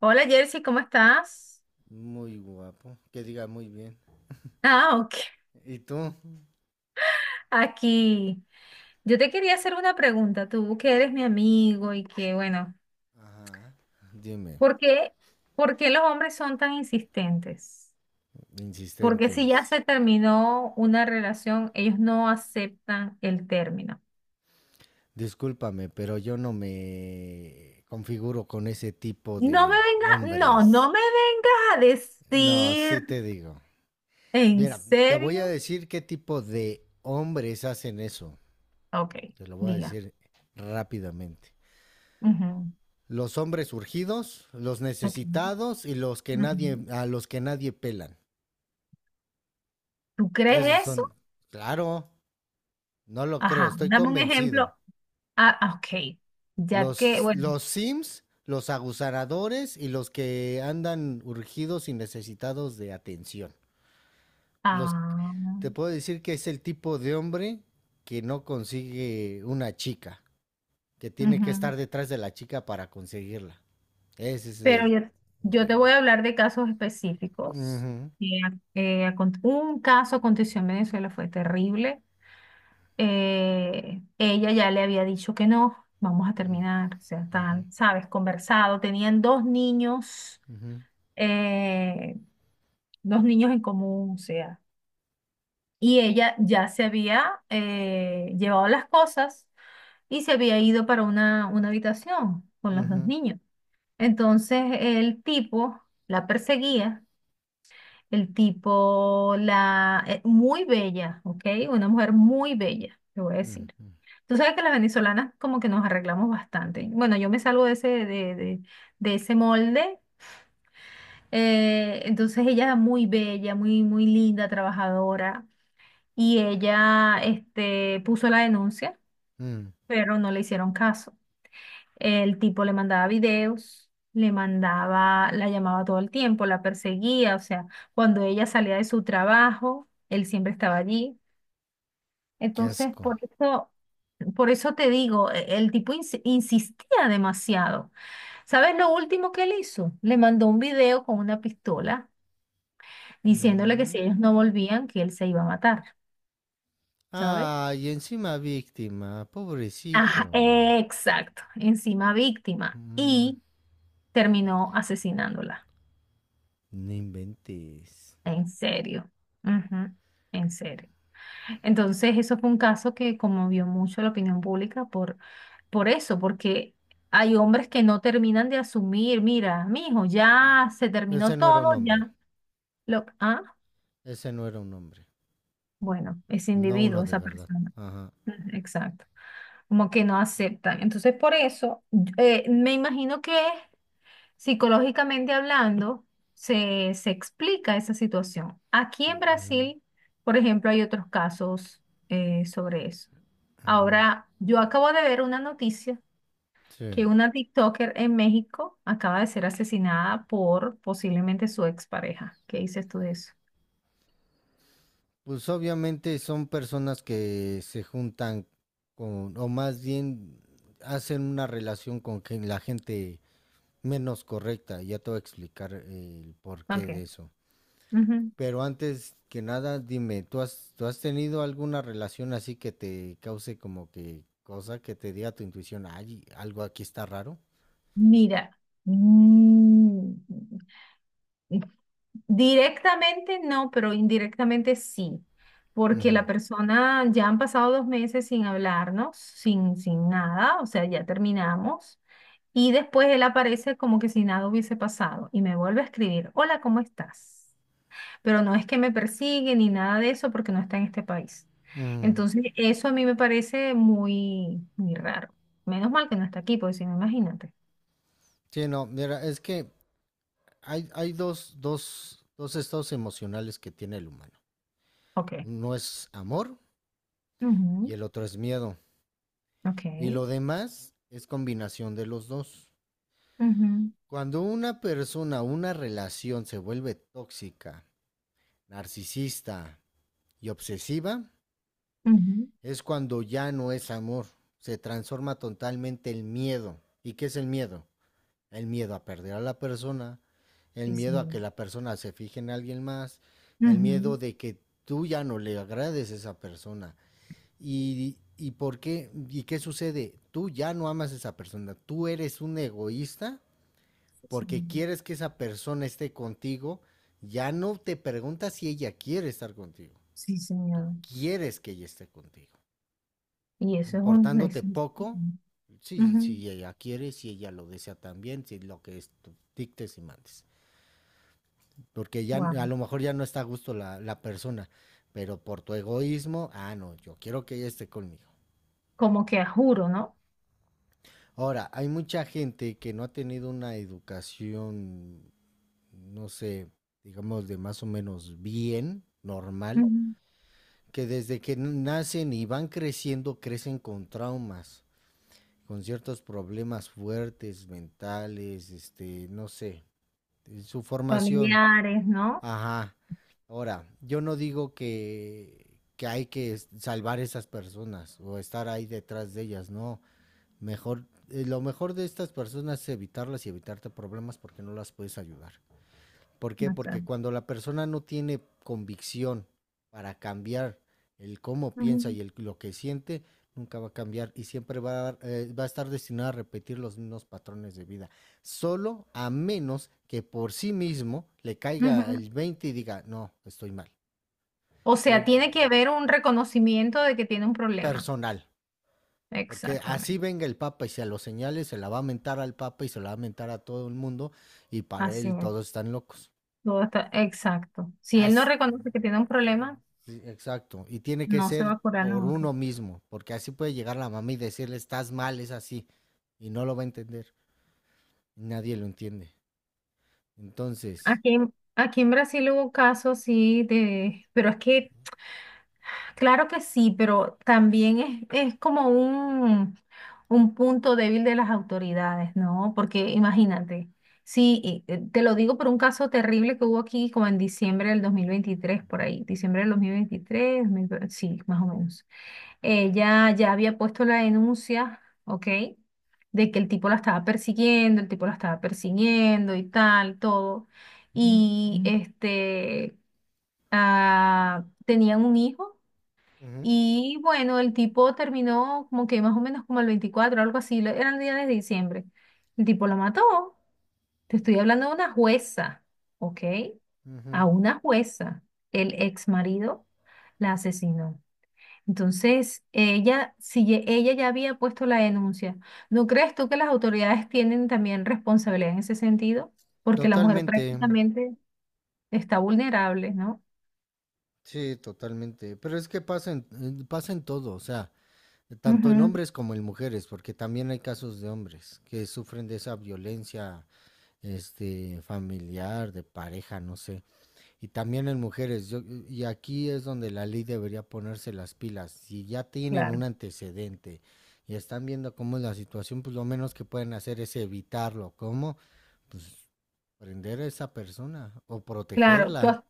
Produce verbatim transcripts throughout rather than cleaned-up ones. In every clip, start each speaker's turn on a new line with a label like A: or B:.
A: Hola Jersey, ¿cómo estás?
B: Muy guapo. Que diga Muy bien.
A: Ah, ok.
B: ¿Y tú?
A: Aquí. Yo te quería hacer una pregunta, tú que eres mi amigo y que, bueno,
B: Ajá. Dime,
A: ¿por qué, por qué los hombres son tan insistentes? Porque si ya
B: insistentes.
A: se terminó una relación, ellos no aceptan el término.
B: Discúlpame, pero yo no me configuro con ese tipo
A: No me
B: de
A: vengas, no,
B: hombres.
A: no me vengas a
B: No, sí
A: decir,
B: te digo.
A: ¿en
B: Mira, te voy a
A: serio?
B: decir qué tipo de hombres hacen eso.
A: Ok,
B: Te lo voy a
A: diga.
B: decir rápidamente.
A: Ujú,
B: Los hombres urgidos, los
A: ok,
B: necesitados y los que nadie,
A: ujú.
B: a los que nadie pelan.
A: ¿Tú crees
B: Esos
A: eso?
B: son, claro, no lo creo,
A: Ajá,
B: estoy
A: dame un
B: convencido.
A: ejemplo. Ah, ah, ok. Ya que,
B: Los,
A: bueno,
B: los Sims, los aguzaradores y los que andan urgidos y necesitados de atención. Los,
A: ah,
B: te puedo decir que es el tipo de hombre que no consigue una chica, que tiene que
A: ujú.
B: estar detrás de la chica para conseguirla. Ese es
A: Pero
B: el...
A: yo,
B: o
A: yo te
B: de-
A: voy a hablar de casos específicos.
B: Ujú,
A: Eh, eh, acon- un caso aconteció en Venezuela, fue terrible. Eh, ella ya le había dicho que no, vamos a terminar. O sea,
B: ujú,
A: están, sabes, conversado. Tenían dos niños,
B: ujú,
A: eh, dos niños en común, o sea. Y ella ya se había eh, llevado las cosas y se había ido para una, una habitación con los dos
B: ujú,
A: niños. Entonces el tipo la perseguía, el tipo la... eh, muy bella, ¿ok? Una mujer muy bella, te voy a decir.
B: ujú,
A: Tú sabes que las venezolanas como que nos arreglamos bastante. Bueno, yo me salgo de ese, de, de- de ese molde. Eh, entonces ella muy bella, muy, muy linda, trabajadora. Y ella, este, puso la denuncia,
B: mm.
A: pero no le hicieron caso. El tipo le mandaba videos, le mandaba, la llamaba todo el tiempo, la perseguía, o sea, cuando ella salía de su trabajo, él siempre estaba allí.
B: Qué
A: Entonces,
B: asco.
A: por eso, por eso te digo, e- el tipo ins- insistía demasiado. ¿Sabes lo último que él hizo? Le mandó un video con una pistola diciéndole que si ellos no
B: Mm.
A: volvían, que él se iba a matar, ¿sabes?
B: Ay, encima víctima, pobrecito.
A: Ajá, exacto, encima víctima
B: Mm,
A: y terminó asesinándola.
B: No inventes.
A: En serio. Ujú, en serio. Entonces, eso fue un caso que conmovió mucho la opinión pública por, por eso, porque hay hombres que no terminan de asumir, mira, mijo, ya se
B: Ese
A: terminó
B: no era
A: todo,
B: un
A: ya
B: hombre,
A: lo, ah,
B: ese no era un hombre,
A: bueno, ese
B: no uno
A: individuo,
B: de
A: esa
B: verdad.
A: persona.
B: Ajá.
A: Ujú, exacto. Como que no aceptan. Entonces, por eso, eh, me imagino que psicológicamente hablando, se, se explica esa situación. Aquí en
B: ujú,
A: Brasil, por ejemplo, hay otros casos eh, sobre eso. Ahora, yo acabo de ver una noticia
B: Sí.
A: que una TikToker en México acaba de ser asesinada por posiblemente su expareja. ¿Qué dices tú de eso?
B: Pues obviamente son personas que se juntan con, o más bien hacen una relación con gen- la gente menos correcta. Ya te voy a explicar el porqué
A: Ok.
B: de eso.
A: Ujú.
B: Pero antes que nada, dime, ¿tú has, ¿tú has tenido alguna relación así que te cause como que cosa que te diga tu intuición, ay, algo aquí está raro?
A: Mira, mm, directamente no, pero indirectamente sí, porque
B: Ujú,
A: la persona ya han pasado dos meses sin hablarnos, sin, sin nada, o sea, ya terminamos, y después él aparece como que si nada hubiese pasado y me vuelve a escribir, hola, ¿cómo estás? Pero no es que me persigue ni nada de eso porque no está en este país.
B: ujú.
A: Entonces, eso a mí me parece muy, muy raro. Menos mal que no está aquí, porque si no, imagínate.
B: Sí, no, mira, es que hay, hay dos, dos, dos estados emocionales que tiene el humano.
A: Ok.
B: Uno es amor y
A: Ujú,
B: el otro es miedo.
A: ok.
B: Y lo demás es combinación de los dos.
A: Ujú,
B: Cuando una persona, una relación se vuelve tóxica, narcisista y obsesiva,
A: ujú.
B: es cuando ya no es amor, se transforma totalmente el miedo. ¿Y qué es el miedo? El miedo a perder a la persona, el
A: Sí, sí.
B: miedo a que la persona se fije en alguien más, el
A: Ujú,
B: miedo de que tú ya no le agrades a esa persona. ¿Y, y por qué? ¿Y qué sucede? Tú ya no amas a esa persona, tú eres un egoísta
A: sí,
B: porque
A: señor.
B: quieres que esa persona esté contigo, ya no te preguntas si ella quiere estar contigo,
A: Sí,
B: tú
A: señor.
B: quieres que ella esté contigo.
A: Y eso es un...
B: Importándote
A: eso es-
B: poco, si,
A: ujú,
B: si ella quiere, si ella lo desea también, si lo que es, tú dictes y mandes. Porque ya
A: wow.
B: a lo mejor ya no está a gusto la, la persona, pero por tu egoísmo, ah, no, yo quiero que ella esté conmigo.
A: Como que a juro, ¿no?
B: Ahora, hay mucha gente que no ha tenido una educación, no sé, digamos de más o menos bien, normal,
A: Ujú.
B: que desde que nacen y van creciendo, crecen con traumas, con ciertos problemas fuertes, mentales, este, no sé, su formación.
A: Familiares, ¿no?
B: Ajá. Ahora, yo no digo que, que hay que es- salvar esas personas o estar ahí detrás de ellas, no. Mejor, eh, lo mejor de estas personas es evitarlas y evitarte problemas porque no las puedes ayudar. ¿Por qué?
A: No sé.
B: Porque cuando la persona no tiene convicción para cambiar el cómo piensa y el, lo que siente, nunca va a cambiar y siempre va a, eh, va a estar destinado a repetir los mismos patrones de vida. Solo a menos que por sí mismo le
A: Ujú,
B: caiga
A: ujú.
B: el veinte y diga, no, estoy mal.
A: O
B: Eh,
A: sea, tiene que haber un reconocimiento de que tiene un problema.
B: Personal. Porque así
A: Exactamente.
B: venga el Papa y se lo señale, se la va a mentar al Papa y se la va a mentar a todo el mundo y para
A: Así
B: él
A: es.
B: todos están locos.
A: Todo está... Exacto. Si él no
B: Así,
A: reconoce que tiene un problema,
B: sí, exacto. Y tiene que
A: no se va
B: ser
A: a curar
B: por
A: nunca.
B: uno mismo, porque así puede llegar la mamá y decirle, estás mal, es así. Y no lo va a entender. Nadie lo entiende. Entonces,
A: Aquí, en- aquí en Brasil hubo casos, sí, de, pero es que claro que sí, pero también es, es como un, un punto débil de las autoridades, ¿no? Porque imagínate, sí, y, eh, te lo digo por un caso terrible que hubo aquí como en diciembre del dos mil veintitrés por ahí, diciembre del dos mil dos mil veinte, sí, más o menos. Ella ya había puesto la denuncia, ¿ok? De que el tipo la estaba persiguiendo, el tipo la estaba persiguiendo y tal, todo. Y ujú. Este, ah, tenían un hijo.
B: ujú,
A: Y bueno, el tipo terminó como que más o menos como el veinticuatro algo así, lo- era el día de diciembre. El tipo lo mató. Te estoy hablando de una jueza, ¿ok? A
B: ujú,
A: una jueza, el ex marido la asesinó. Entonces, ella, si ye- ella ya había puesto la denuncia, ¿no crees tú que las autoridades tienen también responsabilidad en ese sentido? Porque la mujer
B: totalmente,
A: prácticamente está vulnerable, ¿no?
B: sí, totalmente. Pero es que pasa en, en- pasa en todo, o sea, tanto en
A: Ujú,
B: hombres como en mujeres, porque también hay casos de hombres que sufren de esa violencia, este, familiar, de pareja, no sé. Y también en mujeres, yo- y aquí es donde la ley debería ponerse las pilas. Si ya tienen un
A: claro,
B: antecedente y están viendo cómo es la situación, pues lo menos que pueden hacer es evitarlo. ¿Cómo? Pues prender a esa persona o
A: claro. ¿Tú
B: protegerla.
A: has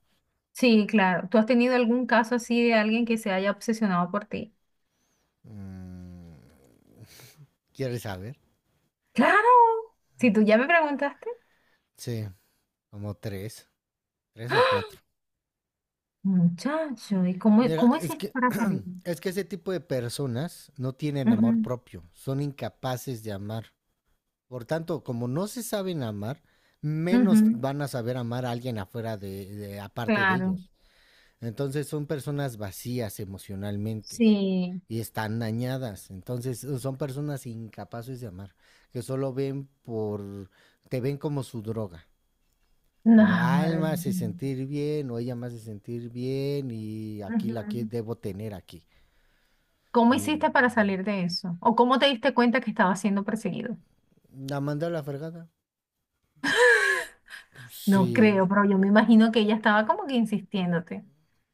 A: Sí, claro. ¿Tú has tenido algún caso así de alguien que se haya obsesionado por ti?
B: Mm, ¿Quieres saber?
A: Claro. Si tú ya me preguntaste.
B: Sí, como tres, tres o cuatro.
A: Muchacho, ¿y cómo,
B: Mira,
A: cómo
B: es
A: hiciste
B: que,
A: para salir?
B: es que ese tipo de personas no tienen amor
A: Ujú,
B: propio, son incapaces de amar. Por tanto, como no se saben amar, menos
A: ujú,
B: van a saber amar a alguien afuera de, de- aparte de
A: claro,
B: ellos. Entonces son personas vacías emocionalmente
A: sí.
B: y están dañadas. Entonces son personas incapaces de amar, que solo ven por, te ven como su droga.
A: No,
B: Como, ah, él
A: ahora,
B: me hace sentir bien o ella me hace sentir bien y aquí la que
A: ujú.
B: debo tener aquí.
A: ¿Cómo
B: Y
A: hiciste para salir de eso? ¿O cómo te diste cuenta que estaba siendo perseguido?
B: la mandé a la fregada. Pues,
A: No
B: sí,
A: creo, pero yo me imagino que ella estaba como que insistiéndote.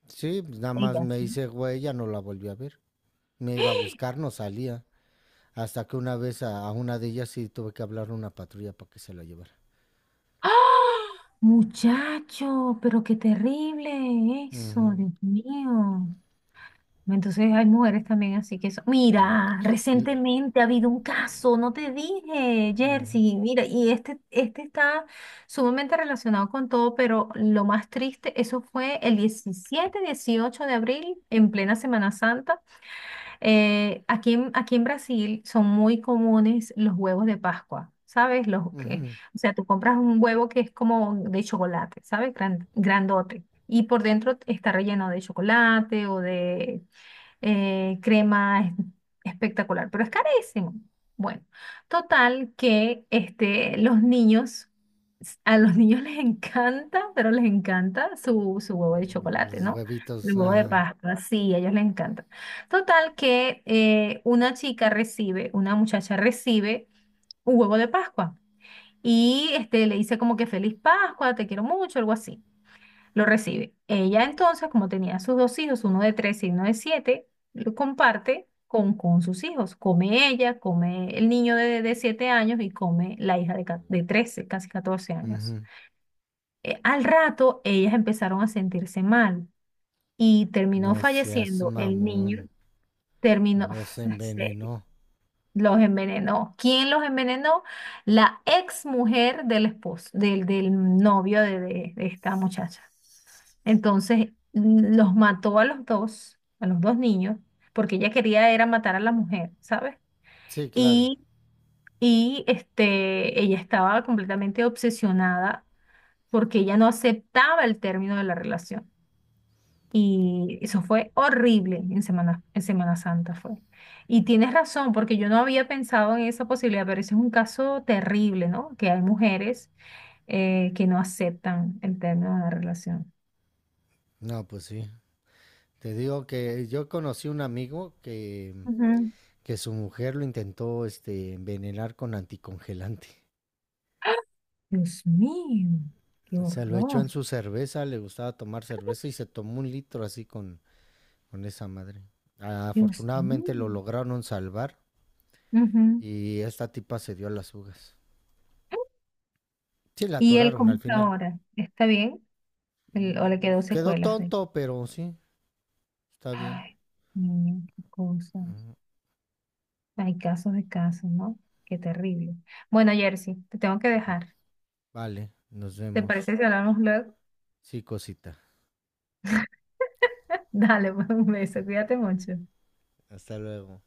B: sí, pues, nada más
A: Ella,
B: me
A: sí.
B: hice güey, ya no la volví a ver. Me iba a buscar, no salía. Hasta que una vez a, a una de ellas sí tuve que hablar a una patrulla para que se la llevara.
A: ¡Ah! Muchacho, pero qué terrible eso,
B: Ujú.
A: Dios mío. Entonces hay mujeres también así que eso. Mira,
B: L-
A: recientemente ha habido un caso, no te dije, Jersey. Mira, y este, este está sumamente relacionado con todo, pero lo más triste, eso fue el diecisiete, dieciocho de abril, en plena Semana Santa. Eh, aquí en, aquí en Brasil son muy comunes los huevos de Pascua, ¿sabes? Los que,
B: Ujú.
A: o sea, tú compras un huevo que es como de chocolate, ¿sabes? Gran- grandote. Y por dentro está relleno de chocolate o de eh, crema, es espectacular, pero es carísimo. Bueno, total que este, los niños, s- a los niños les encanta, pero les encanta su, su huevo de chocolate,
B: Los
A: ¿no? El
B: huevitos,
A: huevo de
B: ajá.
A: Pascua, sí, a ellos les encanta. Total que eh, una chica recibe, una muchacha recibe un huevo de Pascua y este, le dice como que feliz Pascua, te quiero mucho, algo así lo recibe. Ella entonces, como tenía sus dos hijos, uno de tres y uno de siete, lo comparte con, con sus hijos. Come ella, come el niño de, de siete años y come la hija de, ca- de trece casi catorce años.
B: Ujú.
A: Eh, al rato, ellas empezaron a sentirse mal y terminó
B: No seas
A: falleciendo el niño.
B: mamón.
A: Terminó,
B: Los
A: se-
B: envenenó.
A: los envenenó. ¿Quién los envenenó? La ex mujer del esposo, del, del novio de de- de esta muchacha. Entonces mm, los mató a los dos, a los dos niños, porque ella quería era matar a la mujer, ¿sabes?
B: Sí, claro.
A: Y, y este, ella estaba completamente obsesionada porque ella no aceptaba el término de la relación. Y eso fue horrible en Semana, en Semana Santa fue. Y tienes razón, porque yo no había pensado en esa posibilidad, pero ese es un caso terrible, ¿no? Que hay mujeres eh, que no aceptan el término de la relación.
B: No, pues sí. Te digo que yo conocí un amigo que,
A: Ujú.
B: que su mujer lo intentó este, envenenar con anticongelante.
A: Dios mío, qué
B: Se lo echó
A: horror,
B: en su cerveza, le gustaba tomar cerveza y se tomó un litro así con, con esa madre.
A: Dios mío.
B: Afortunadamente lo lograron salvar
A: Ujú.
B: y esta tipa se dio a las fugas. Sí, la
A: ¿Y él
B: atoraron
A: cómo
B: al
A: está
B: final.
A: ahora? ¿Está bien? ¿El- ¿O le
B: Mm,
A: quedó
B: Quedó
A: secuelas de...
B: tonto, pero sí, está bien.
A: Ay, niño, qué cosas. Hay casos de casos, ¿no? Qué terrible. Bueno, Jersey, te tengo que dejar.
B: Vale, nos
A: ¿Te
B: vemos.
A: parece si hablamos luego?
B: Sí, cosita.
A: Dale, pues un beso, cuídate mucho.
B: Hasta luego.